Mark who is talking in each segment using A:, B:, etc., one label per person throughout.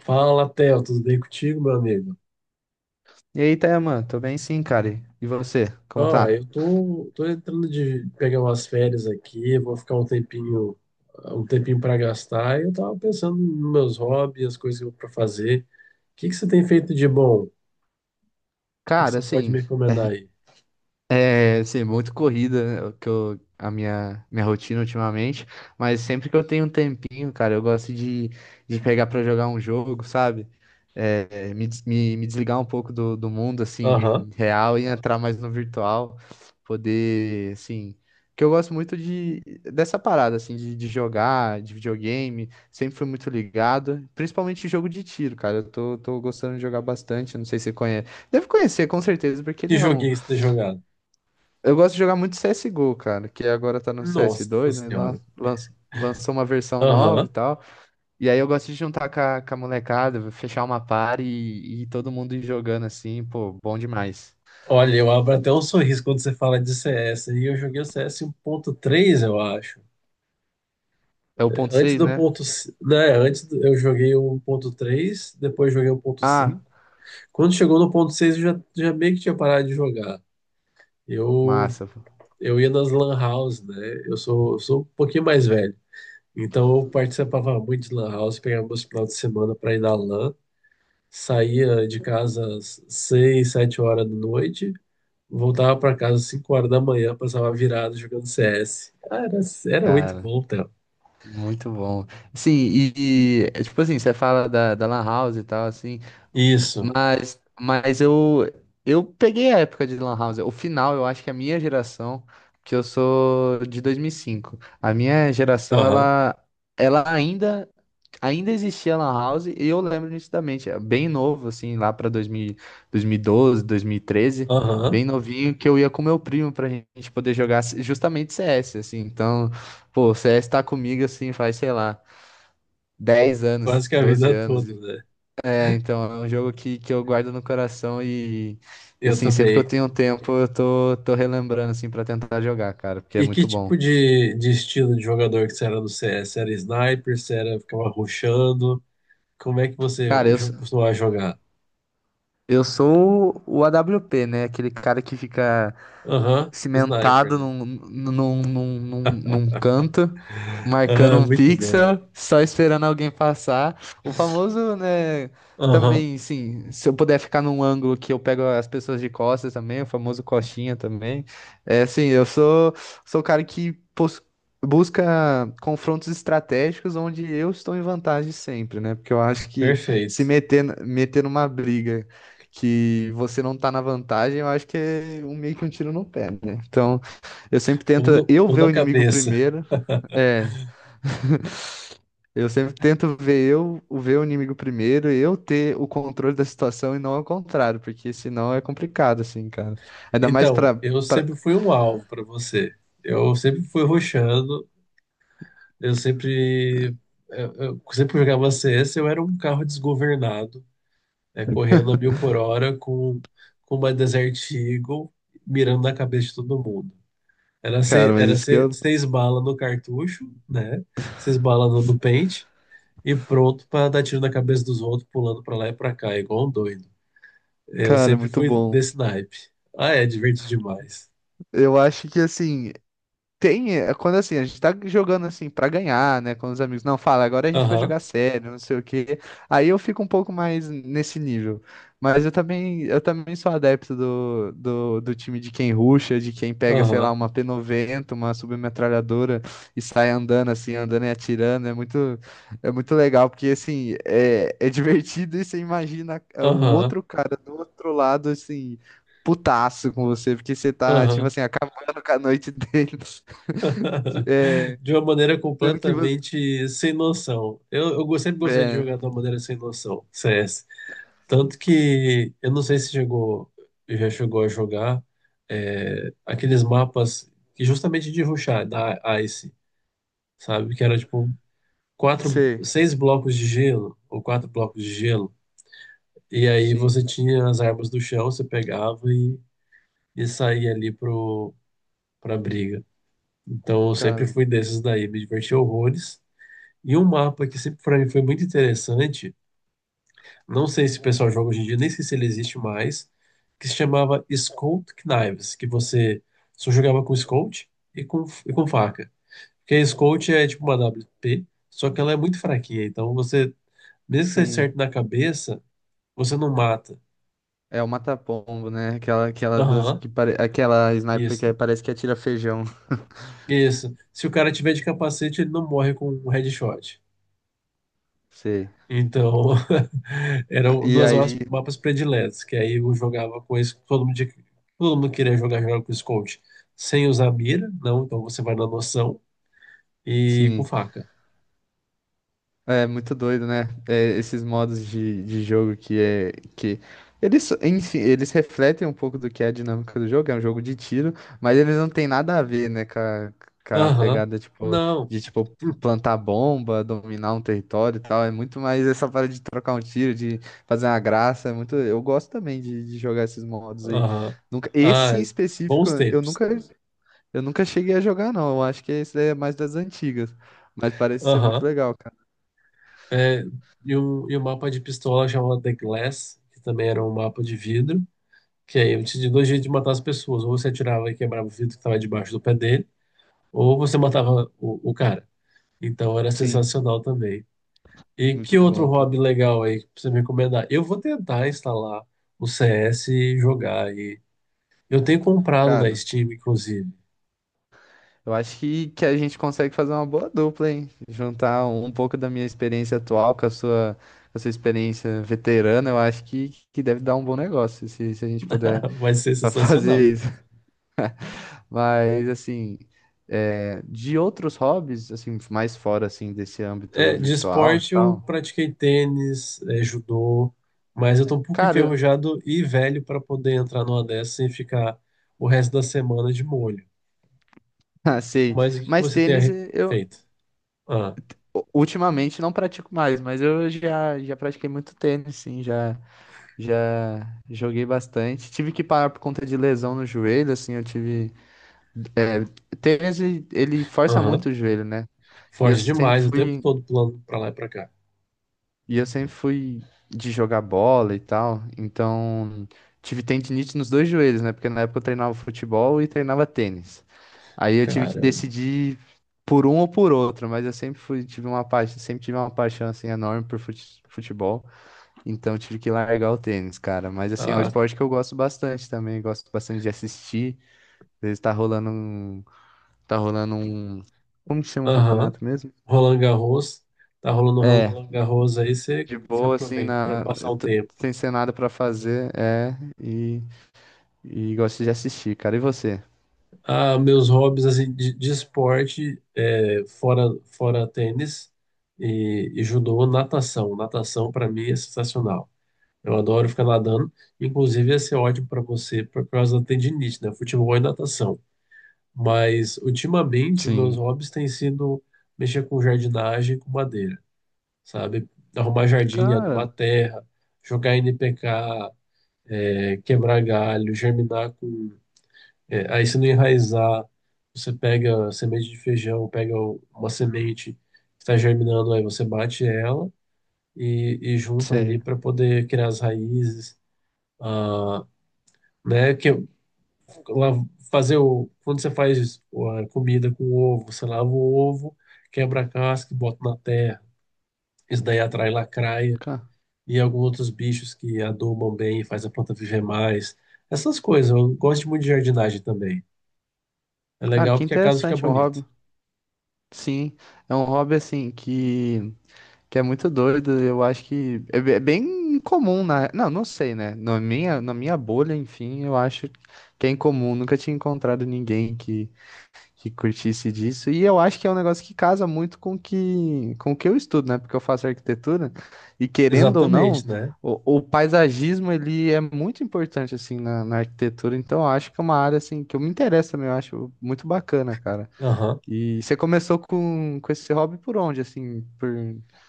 A: Fala, Theo, tudo bem contigo, meu amigo?
B: E aí, Tayaman, tô bem sim, cara. E você, como
A: Ó,
B: tá?
A: eu tô entrando de pegar umas férias aqui, vou ficar um tempinho para gastar, e eu tava pensando nos meus hobbies, as coisas que eu para fazer. O que que você tem feito de bom? O que que
B: Cara,
A: você pode
B: assim,
A: me recomendar
B: é,
A: aí?
B: Assim, muito corrida, né, o que eu, a minha rotina ultimamente, mas sempre que eu tenho um tempinho, cara, eu gosto de pegar pra jogar um jogo, sabe? Me desligar um pouco do mundo,
A: Aham.
B: assim, real e entrar mais no virtual, poder, assim, que eu gosto muito de, dessa parada, assim, de jogar, de videogame, sempre fui muito ligado, principalmente jogo de tiro, cara, tô gostando de jogar bastante, não sei se você conhece, deve conhecer, com certeza, porque
A: Que
B: ele é um
A: joguinho você tem jogado?
B: eu gosto de jogar muito CSGO, cara, que agora tá no
A: Nossa
B: CS2, né?
A: Senhora.
B: Lançou uma versão nova e
A: Aham.
B: tal. E aí eu gosto de juntar com com a molecada, fechar uma party e todo mundo ir jogando assim, pô, bom demais.
A: Olha, eu abro até um sorriso quando você fala de CS, e eu joguei o CS três eu acho.
B: É o ponto
A: Antes
B: 6,
A: do
B: né?
A: ponto, né, eu joguei o ponto três, depois joguei o ponto cinco.
B: Ah,
A: Quando chegou no ponto 6 eu já meio que tinha parado de jogar. Eu,
B: massa, pô.
A: eu ia nas lan house, né? Eu sou um pouquinho mais velho. Então eu participava muito de lan house, pegava meus finais de semana para ir na lan, saía de casa às 6, 7 horas da noite, voltava para casa às 5 horas da manhã, passava virado jogando CS. Cara, era muito
B: Cara,
A: bom, Theo.
B: muito bom. Sim, é tipo assim, você fala da Lan House e tal, assim,
A: Isso.
B: Mas eu peguei a época de Lan House. O final, eu acho que é a minha geração, que eu sou de 2005, a minha geração,
A: Aham.
B: ela ainda, ainda existia Lan House e eu lembro nitidamente, é bem novo, assim, lá para 2000, 2012, 2013,
A: Aham.
B: bem novinho, que eu ia com meu primo pra gente poder jogar justamente CS, assim. Então, pô, o CS tá comigo, assim, faz, sei lá, 10
A: Quase
B: anos,
A: que a
B: 12
A: vida
B: anos.
A: toda, né?
B: É, então, é um jogo que eu guardo no coração e,
A: Eu
B: assim, sempre que eu
A: também.
B: tenho tempo, tô relembrando, assim, pra tentar jogar, cara, porque é
A: E que
B: muito
A: tipo
B: bom.
A: de estilo de jogador que você era no CS? Era sniper? Você era, ficava rushando? Como é que você
B: Cara, eu, s-
A: costumava jogar?
B: eu sou o AWP, né? Aquele cara que fica
A: Aham, sniper,
B: cimentado
A: né?
B: num canto, marcando
A: Ah,
B: um
A: muito bom.
B: pixel, só esperando alguém passar. O famoso, né?
A: Aham,
B: Também, sim, se eu puder ficar num ângulo que eu pego as pessoas de costas também, o famoso coxinha também. É assim, eu sou, Sou o cara busca confrontos estratégicos onde eu estou em vantagem sempre, né? Porque eu acho que se
A: perfeito.
B: meter, meter numa briga que você não tá na vantagem, eu acho que é um, meio que um tiro no pé, né? Então, eu sempre
A: Ou,
B: tento
A: no,
B: eu
A: ou
B: ver
A: na
B: o inimigo
A: cabeça.
B: primeiro. É, eu sempre tento ver o inimigo primeiro, eu ter o controle da situação e não ao contrário, porque senão é complicado assim, cara. Ainda mais
A: Então,
B: pra,
A: eu
B: pra...
A: sempre fui um alvo para você. Eu sempre fui rushando, eu sempre. Eu sempre jogava CS, eu era um carro desgovernado, né, correndo a mil por hora com uma Desert Eagle mirando na cabeça de todo mundo.
B: Cara, mas
A: Era
B: isso que
A: se,
B: eu
A: seis balas no cartucho, né? Seis balas no pente, e pronto para dar tiro na cabeça dos outros, pulando para lá e para cá, igual um doido. Eu
B: Cara, é
A: sempre
B: muito
A: fui
B: bom.
A: desse naipe. Ah, é, divertido demais.
B: Eu acho que assim, tem, é quando assim, a gente tá jogando assim pra ganhar, né, com os amigos. Não, fala, agora a gente vai
A: Aham,
B: jogar sério, não sei o quê. Aí eu fico um pouco mais nesse nível. Mas eu também sou adepto do time de quem rusha, de quem pega, sei lá,
A: aham,
B: uma P90 uma submetralhadora e sai andando assim, andando e atirando. É muito legal, porque assim, é divertido e você imagina é, o
A: aham,
B: outro cara do outro lado, assim, putaço com você, porque você tá, tipo
A: aham.
B: assim, acabando com a noite dele. É,
A: De uma maneira
B: sendo que você.
A: completamente sem noção. Eu sempre gostei de
B: É,
A: jogar de uma maneira sem noção, CS. Tanto que eu não sei se chegou, já chegou a jogar aqueles mapas que justamente de rushar da Ice, sabe? Que era tipo quatro,
B: sei,
A: seis blocos de gelo ou quatro blocos de gelo. E aí
B: sim,
A: você tinha as armas do chão, você pegava e saía ali pra briga. Então eu sempre
B: cara,
A: fui desses daí, me diverti horrores. E um mapa que sempre pra mim foi muito interessante. Não sei se o pessoal joga hoje em dia, nem sei se ele existe mais, que se chamava Scout Knives, que você só jogava com Scout e com faca. Porque a Scout é tipo uma WP, só que ela é muito fraquinha, então você, mesmo que você
B: sim.
A: acerte na cabeça, você não mata.
B: É o mata-pombo, né? Aquela dança
A: Aham,
B: que pare... aquela sniper que é,
A: isso,
B: parece que atira feijão.
A: isso. Se o cara tiver de capacete, ele não morre com um headshot.
B: Sei.
A: Então, eram
B: E
A: duas mapas
B: aí,
A: mapas prediletas, que aí eu jogava com esse, todo mundo, todo mundo queria jogar, jogava com Scout, sem usar mira, não, então você vai na noção, e com
B: sim.
A: faca.
B: É muito doido, né? É, esses modos de jogo que é que eles, enfim, eles refletem um pouco do que é a dinâmica do jogo, é um jogo de tiro, mas eles não têm nada a ver, né, com a
A: Aham,
B: pegada tipo
A: não,
B: de tipo
A: hum,
B: plantar bomba, dominar um território e tal. É muito mais essa parada de trocar um tiro, de fazer uma graça, é muito, eu gosto também de jogar esses modos aí.
A: aham,
B: Nunca, esse
A: ah,
B: em específico,
A: bons
B: eu
A: tempos.
B: nunca Eu nunca cheguei a jogar não. Eu acho que esse daí é mais das antigas, mas parece ser muito
A: Aham,
B: legal, cara.
A: é, e um, mapa de pistola chamado The Glass, que também era um mapa de vidro, que aí eu tinha dois jeitos de matar as pessoas, ou você atirava e quebrava o vidro que estava debaixo do pé dele, ou você matava o cara. Então era
B: Sim.
A: sensacional também. E
B: Muito
A: que outro
B: bom, cara.
A: hobby legal aí pra você me recomendar? Eu vou tentar instalar o CS e jogar. E eu tenho comprado na
B: Cara,
A: Steam, inclusive.
B: eu acho que a gente consegue fazer uma boa dupla, hein? Juntar um pouco da minha experiência atual com a sua experiência veterana, eu acho que deve dar um bom negócio se, se a gente puder
A: Vai ser sensacional.
B: fazer isso. Mas, assim, é, de outros hobbies, assim, mais fora, assim, desse âmbito
A: É, de
B: virtual e
A: esporte eu
B: tal,
A: pratiquei tênis, judô, mas eu tô um pouco
B: cara, eu-
A: enferrujado e velho para poder entrar numa dessas sem ficar o resto da semana de molho.
B: ah, sei,
A: Mas o que que
B: mas
A: você tem
B: tênis eh, eu
A: feito? Ah,
B: ultimamente não pratico mais, mas eu já, já pratiquei muito tênis, sim, já. Já joguei bastante. Tive que parar por conta de lesão no joelho, assim, eu tive. É, tênis, ele força
A: aham.
B: muito o joelho, né? E eu
A: Forte
B: sempre
A: demais, o tempo
B: fui.
A: todo pulando para lá e para cá.
B: E eu sempre fui de jogar bola e tal. Então, tive tendinite nos dois joelhos, né? Porque na época eu treinava futebol e treinava tênis. Aí eu tive que
A: Caramba.
B: decidir por um ou por outro, mas eu sempre fui, tive uma paixão, sempre tive uma paixão assim enorme por futebol. Então tive que largar o tênis, cara. Mas assim, é um
A: Ah,
B: esporte que eu gosto bastante também. Gosto bastante de assistir. Às vezes tá rolando um. Tá rolando um. Como que chama o
A: aham.
B: campeonato mesmo?
A: Roland Garros. Tá rolando um
B: É.
A: Roland Garros aí, você
B: De
A: você
B: boa, assim,
A: aproveita para
B: na.
A: passar um
B: T-
A: tempo.
B: Sem ser nada pra fazer, é. E, e gosto de assistir, cara. E você?
A: Ah, meus hobbies assim, de esporte, fora tênis e judô, natação. Natação para mim é sensacional. Eu adoro ficar nadando. Inclusive, ia ser ótimo para você por causa da tendinite, né? Futebol e natação. Mas, ultimamente, meus
B: Sim.
A: hobbies têm sido mexer com jardinagem e com madeira, sabe? Arrumar jardim, adubar
B: Cara,
A: terra, jogar NPK, quebrar galho, germinar com. Aí, se não enraizar, você pega a semente de feijão, pega uma semente que está germinando, aí você bate ela e junta ali
B: sei.
A: para poder criar as raízes, ah, né? Que lá, fazer o quando você faz a comida com ovo, você lava o ovo, quebra a casca e bota na terra. Isso daí atrai lacraia
B: Ca-
A: e alguns outros bichos que adubam bem e faz a planta viver mais. Essas coisas. Eu gosto muito de jardinagem também. É
B: Cara,
A: legal
B: que
A: porque a casa fica
B: interessante, é um
A: bonita.
B: hobby. Sim. É um hobby assim que. Que é muito doido, eu acho que é é bem comum na, não, não sei, né? Na minha bolha, enfim, eu acho que é incomum, nunca tinha encontrado ninguém que curtisse disso. E eu acho que é um negócio que casa muito com o que eu estudo, né? Porque eu faço arquitetura e querendo ou não,
A: Exatamente, né?
B: o paisagismo ele é muito importante assim na, na arquitetura, então eu acho que é uma área assim que eu me interesso também, eu acho muito bacana, cara.
A: Aham.
B: E você começou com esse hobby por onde, assim, por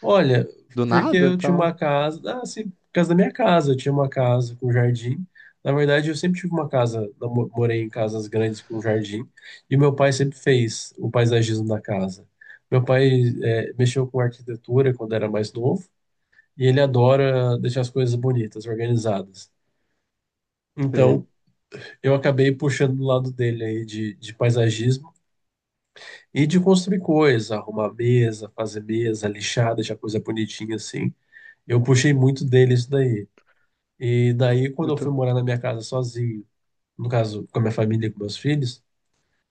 A: Olha,
B: do
A: porque
B: nada,
A: eu tinha uma
B: então.
A: casa. Ah, sim, por causa da minha casa. Eu tinha uma casa com jardim. Na verdade, eu sempre tive uma casa. Morei em casas grandes com jardim. E meu pai sempre fez o paisagismo da casa. Meu pai mexeu com arquitetura quando era mais novo. E ele adora deixar as coisas bonitas, organizadas.
B: Sei.
A: Então, eu acabei puxando do lado dele aí de paisagismo e de construir coisa, arrumar mesa, fazer mesa, lixar, deixar coisa bonitinha assim. Eu puxei muito dele isso daí. E daí, quando eu
B: Muito.
A: fui morar na minha casa sozinho, no caso, com a minha família e com meus filhos,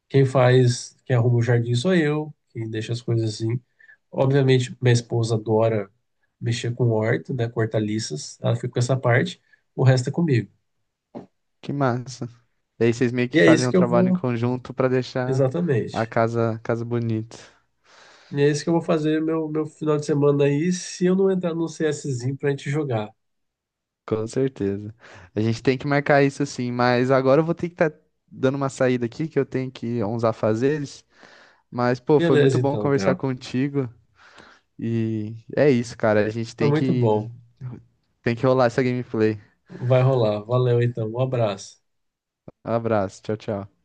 A: quem faz, quem arruma o jardim sou eu, quem deixa as coisas assim. Obviamente, minha esposa adora mexer com horta, né, com hortaliças, ela fica com essa parte, o resto é comigo.
B: Que massa. E aí vocês meio
A: E
B: que
A: é
B: fazem
A: isso
B: um
A: que eu
B: trabalho em
A: vou,
B: conjunto pra deixar
A: exatamente.
B: a casa bonita.
A: E é isso que eu vou fazer meu final de semana aí, se eu não entrar num CSzinho pra gente jogar.
B: Com certeza. A gente tem que marcar isso sim, mas agora eu vou ter que estar dando uma saída aqui, que eu tenho que ir a uns afazeres. Mas, pô, foi muito
A: Beleza,
B: bom
A: então,
B: conversar
A: Theo.
B: contigo. E é isso, cara. A gente
A: Foi muito bom.
B: tem que rolar essa gameplay.
A: Vai rolar. Valeu, então. Um abraço.
B: Um abraço. Tchau, tchau.